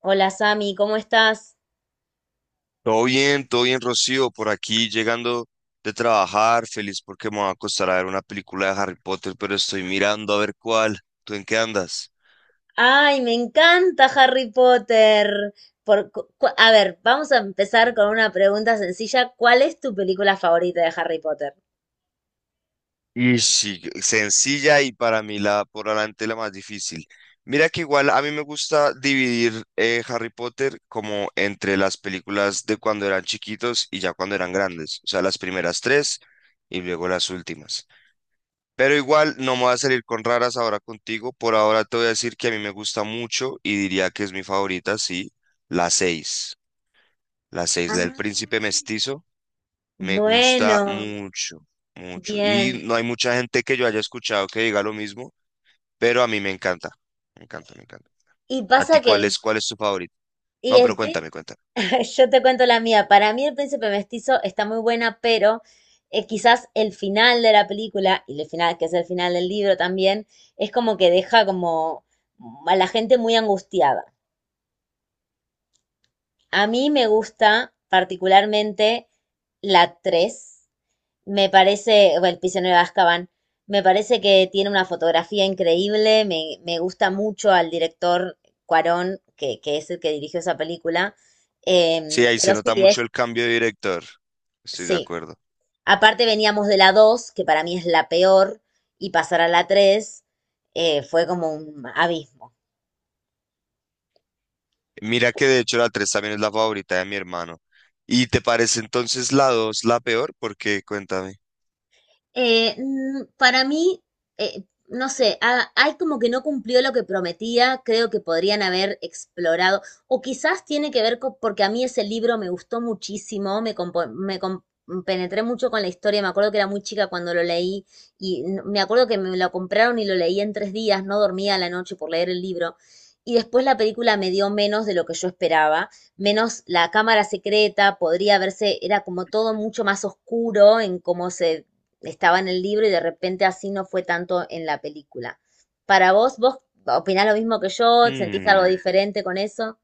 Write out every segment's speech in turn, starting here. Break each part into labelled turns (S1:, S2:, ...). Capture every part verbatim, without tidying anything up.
S1: Hola Sami, ¿cómo estás?
S2: Todo bien, todo bien, Rocío, por aquí llegando de trabajar, feliz porque me va a costar a ver una película de Harry Potter, pero estoy mirando a ver cuál. ¿Tú en qué andas?
S1: Ay, me encanta Harry Potter. Por, cu- cu- a ver, vamos a empezar con una pregunta sencilla. ¿Cuál es tu película favorita de Harry Potter?
S2: Y sí, sencilla y para mí la por adelante la más difícil. Mira que igual a mí me gusta dividir eh, Harry Potter como entre las películas de cuando eran chiquitos y ya cuando eran grandes, o sea, las primeras tres y luego las últimas. Pero igual no me voy a salir con raras ahora contigo. Por ahora te voy a decir que a mí me gusta mucho y diría que es mi favorita, sí, la seis. La seis, la
S1: Ah.
S2: del príncipe mestizo, me gusta
S1: Bueno,
S2: mucho, mucho. Y
S1: bien.
S2: no hay mucha gente que yo haya escuchado que diga lo mismo, pero a mí me encanta. Me encanta, me encanta.
S1: Y
S2: ¿A ti
S1: pasa que
S2: cuál
S1: el,
S2: es, cuál es tu favorito?
S1: y
S2: No,
S1: el
S2: pero
S1: prin-
S2: cuéntame, cuéntame.
S1: yo te cuento la mía. Para mí el príncipe mestizo está muy buena, pero eh, quizás el final de la película, y el final, que es el final del libro también, es como que deja como a la gente muy angustiada. A mí me gusta particularmente la tres. Me parece, o El prisionero de Azkaban, me parece que tiene una fotografía increíble, me, me gusta mucho al director Cuarón, que, que es el que dirigió esa película.
S2: Sí,
S1: Em,
S2: ahí se
S1: pero sí,
S2: nota mucho
S1: es,
S2: el cambio de director. Estoy de
S1: sí.
S2: acuerdo.
S1: Aparte veníamos de la dos, que para mí es la peor, y pasar a la tres eh, fue como un abismo.
S2: Mira que de hecho la tres también es la favorita de mi hermano. ¿Y te parece entonces la dos la peor? Porque cuéntame.
S1: Eh, mm, para mí, eh, no sé, a- hay como que no cumplió lo que prometía, creo que podrían haber explorado, o quizás tiene que ver con, porque a mí ese libro me gustó muchísimo, me, compo- me com- penetré mucho con la historia, me acuerdo que era muy chica cuando lo leí y n- me acuerdo que me lo compraron y lo leí en tres días, no dormía a la noche por leer el libro. Y después la película me dio menos de lo que yo esperaba, menos la cámara secreta, podría verse, era como todo mucho más oscuro en cómo se estaba en el libro y de repente así no fue tanto en la película. Para vos, ¿vos opinás lo mismo que yo? ¿Sentís algo
S2: Hmm,
S1: diferente con eso?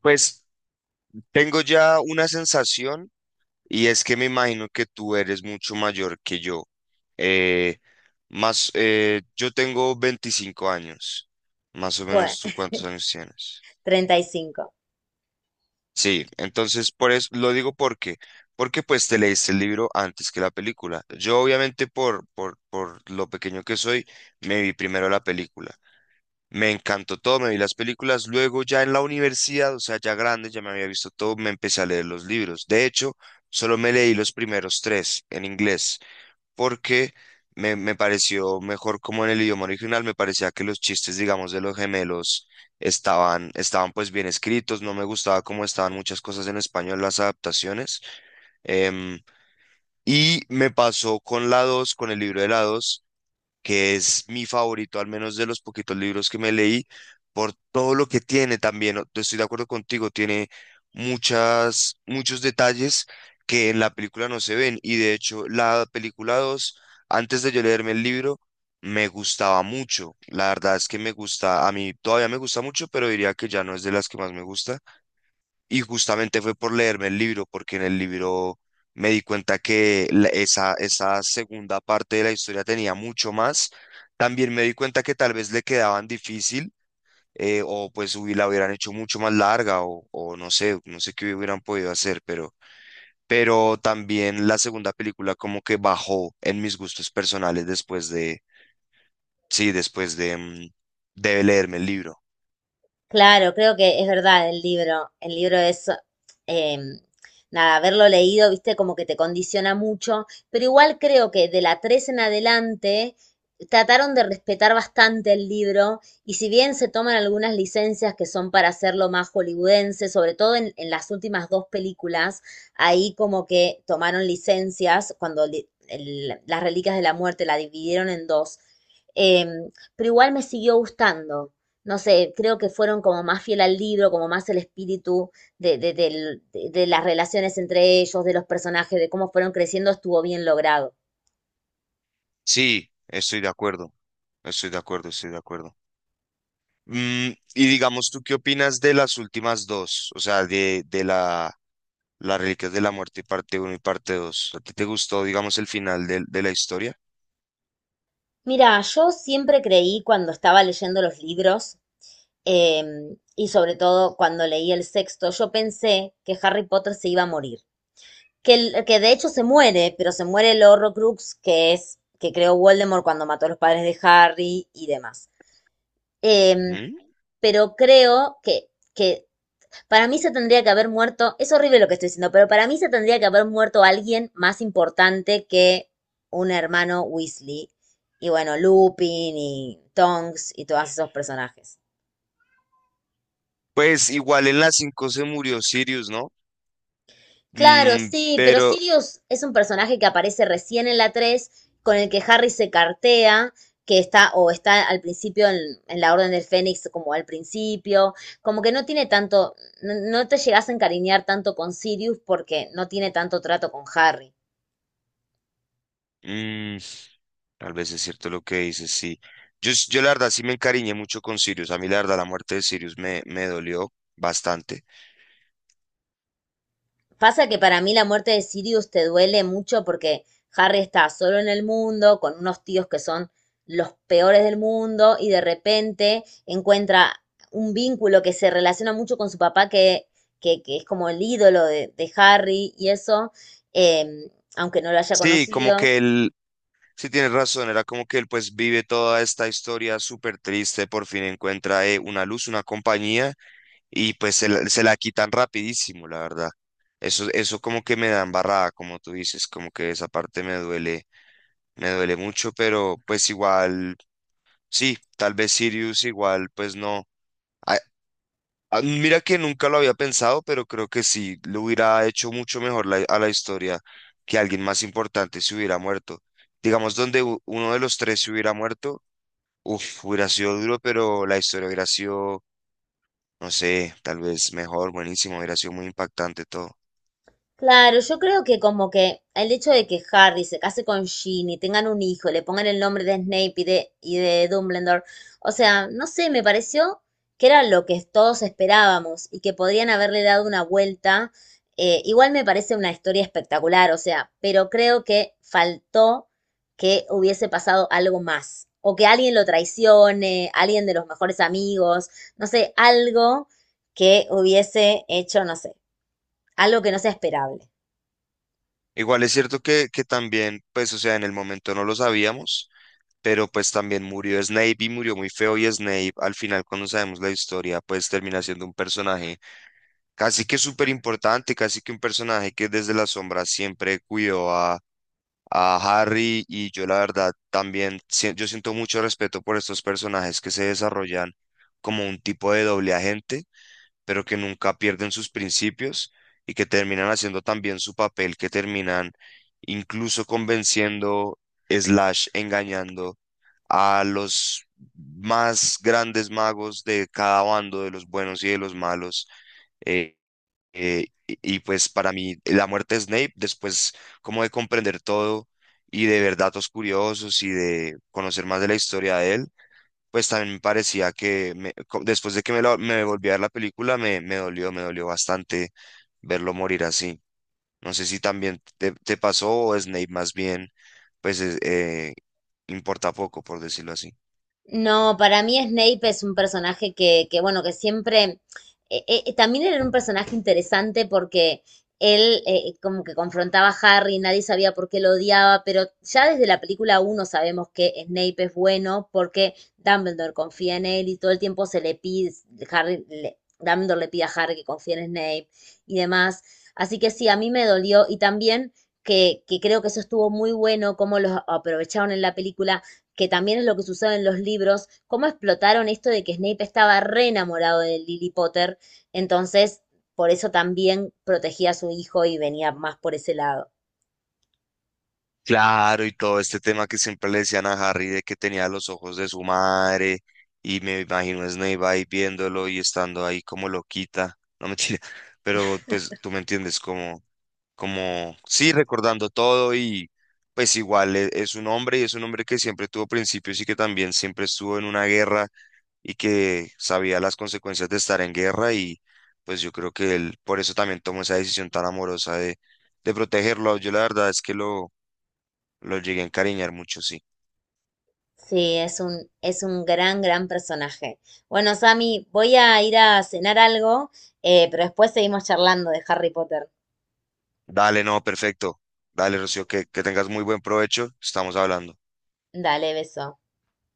S2: pues tengo ya una sensación y es que me imagino que tú eres mucho mayor que yo. Eh, Más, eh, yo tengo veinticinco años. Más o
S1: Bueno,
S2: menos tú cuántos años tienes.
S1: treinta y cinco.
S2: Sí, entonces por eso lo digo porque, porque pues te leíste el libro antes que la película. Yo obviamente por, por, por lo pequeño que soy, me vi primero la película. Me encantó todo, me vi las películas. Luego ya en la universidad, o sea, ya grande, ya me había visto todo, me empecé a leer los libros. De hecho, solo me leí los primeros tres en inglés, porque me, me pareció mejor como en el idioma original, me parecía que los chistes, digamos, de los gemelos estaban, estaban pues bien escritos, no me gustaba cómo estaban muchas cosas en español, las adaptaciones. Em, y me pasó con la dos, con el libro de la dos que es mi favorito, al menos de los poquitos libros que me leí, por todo lo que tiene también. o- Estoy de acuerdo contigo, tiene muchas, muchos detalles que en la película no se ven. Y de hecho, la película dos antes de yo leerme el libro, me gustaba mucho. La verdad es que me gusta, a mí todavía me gusta mucho, pero diría que ya no es de las que más me gusta. Y justamente fue por leerme el libro, porque en el libro me di cuenta que la- esa, esa segunda parte de la historia tenía mucho más. También me di cuenta que tal vez le quedaban difícil, eh, o pues hubi- la hubieran hecho mucho más larga, o, o no sé, no sé qué hubieran podido hacer, pero, pero también la segunda película como que bajó en mis gustos personales después de, sí, después de, mm, de leerme el libro.
S1: Claro, creo que es verdad el libro. El libro es, eh, nada, haberlo leído, viste, como que te condiciona mucho, pero igual creo que de la tres en adelante trataron de respetar bastante el libro y si bien se toman algunas licencias que son para hacerlo más hollywoodense, sobre todo en, en las últimas dos películas, ahí como que tomaron licencias cuando li- el- las Reliquias de la Muerte la dividieron en dos. Em, pero igual me siguió gustando, no sé, creo que fueron como más fiel al libro, como más el espíritu de, de, del- de- de las relaciones entre ellos, de los personajes, de cómo fueron creciendo, estuvo bien logrado.
S2: Sí, estoy de acuerdo, estoy de acuerdo, estoy de acuerdo. Mm, y digamos, ¿tú qué opinas de las últimas dos? O sea, de, de la, las Reliquias de la Muerte, parte uno y parte dos. ¿A ti te gustó, digamos, el final del- de la historia?
S1: Mira, yo siempre creí cuando estaba leyendo los libros, em, y sobre todo cuando leí el sexto, yo pensé que Harry Potter se iba a morir. Que, el- que de hecho se muere, pero se muere el Horrocrux, que es, que creó Voldemort cuando mató a los padres de Harry y demás. Em,
S2: Ujú.
S1: pero creo que, que Para mí se tendría que haber muerto, es horrible lo que estoy diciendo, pero para mí se tendría que haber muerto alguien más importante que un hermano Weasley. Y bueno, Lupin y Tonks y todos esos personajes.
S2: Pues igual en la cinco se murió Sirius, ¿no?
S1: Claro,
S2: Mm,
S1: sí, pero
S2: pero
S1: Sirius es un personaje que aparece recién en la tres, con el que Harry se cartea, que está o está al principio en, en la Orden del Fénix como al principio, como que no tiene tanto, no, no te llegas a encariñar tanto con Sirius porque no tiene tanto trato con Harry.
S2: mm, Tal vez es cierto lo que dices, sí. Yo, s- yo la verdad sí me encariñé mucho con Sirius. A mí la verdad la muerte de Sirius me, me dolió bastante.
S1: Pasa que para mí la muerte de Sirius te duele mucho porque Harry está solo en el mundo, con unos tíos que son los peores del mundo, y de repente encuentra un vínculo que se relaciona mucho con su papá, que, que, que es como el ídolo de, de Harry, y eso, eh, aunque no lo haya
S2: Sí, como
S1: conocido.
S2: que él. Sí, tienes razón, era como que él pues vive toda esta historia súper triste, por fin encuentra eh, una luz, una compañía y pues se la, se la quitan rapidísimo, la verdad. Eso, eso como que me da embarrada, como tú dices, como que esa parte me duele, me duele mucho, pero pues igual, sí, tal vez Sirius igual, pues no. Ah, ah, mira que nunca lo había pensado, pero creo que sí, le hubiera hecho mucho mejor la- a la historia que alguien más importante se hubiera muerto. Digamos, donde u- uno de los tres se hubiera muerto. Uf, hubiera sido duro, pero la historia hubiera sido, no sé, tal vez mejor, buenísimo, hubiera sido muy impactante todo.
S1: Claro, yo creo que como que el hecho de que Harry se case con Ginny, tengan un hijo, le pongan el nombre de Snape y de, y de Dumbledore, o sea, no sé, me pareció que era lo que todos esperábamos y que podrían haberle dado una vuelta. Eh, igual me parece una historia espectacular, o sea, pero creo que faltó que hubiese pasado algo más, o que alguien lo traicione, alguien de los mejores amigos, no sé, algo que hubiese hecho, no sé, algo que no sea esperable.
S2: Igual es cierto que, que también, pues, o sea, en el momento no lo sabíamos, pero pues también murió Snape y murió muy feo y Snape al final cuando sabemos la historia, pues termina siendo un personaje casi que súper importante, casi que un personaje que desde la sombra siempre cuidó a... a Harry. Y yo la verdad también, si- yo siento mucho respeto por estos personajes que se desarrollan como un tipo de doble agente pero que nunca pierden sus principios y que terminan haciendo también su papel, que terminan incluso convenciendo, slash, engañando a los más grandes magos de cada bando, de los buenos y de los malos. eh, eh, y, y pues para mí la muerte de Snape, después como de comprender todo y de ver datos curiosos y de conocer más de la historia de él, pues también me parecía que me- co- después de que me, la- me volví a ver la película, me, me dolió, me dolió bastante verlo morir así. No sé si también te, te pasó o Snape más bien, pues es- eh, importa poco, por decirlo así.
S1: No, para mí Snape es un personaje que, que bueno, que siempre, eh, eh, eh, también era un personaje interesante porque él eh, eh, como que confrontaba a Harry, nadie sabía por qué lo odiaba, pero ya desde la película uno sabemos que Snape es bueno porque Dumbledore confía en él y todo el tiempo se le pide, Harry, le- Dumbledore le pide a Harry que confíe en Snape y demás. Así que sí, a mí me dolió y también que, que creo que eso estuvo muy bueno, cómo los aprovecharon en la película que también es lo que sucede en los libros, cómo explotaron esto de que Snape estaba re enamorado de Lily Potter, entonces por eso también protegía a su hijo y venía más por ese lado.
S2: Claro, y todo este tema que siempre le decían a Harry de que tenía los ojos de su madre, y me imagino a Snape ahí viéndolo y estando ahí como loquita, no mentira, pero pues tú me entiendes, como, como, sí, recordando todo y pues igual e- es, un hombre y es un hombre que siempre tuvo principios y que también siempre estuvo en una guerra y que sabía las consecuencias de estar en guerra y pues yo creo que él por eso también tomó esa decisión tan amorosa de, de protegerlo. Yo la verdad es que lo lo llegué a encariñar mucho, sí.
S1: Sí, es un, es un gran, gran personaje. Bueno, Sammy, voy a ir a cenar algo, eh, pero después seguimos charlando de Harry Potter.
S2: Dale, no, perfecto. Dale, Rocío, que, que tengas muy buen provecho. Estamos hablando.
S1: Dale, beso.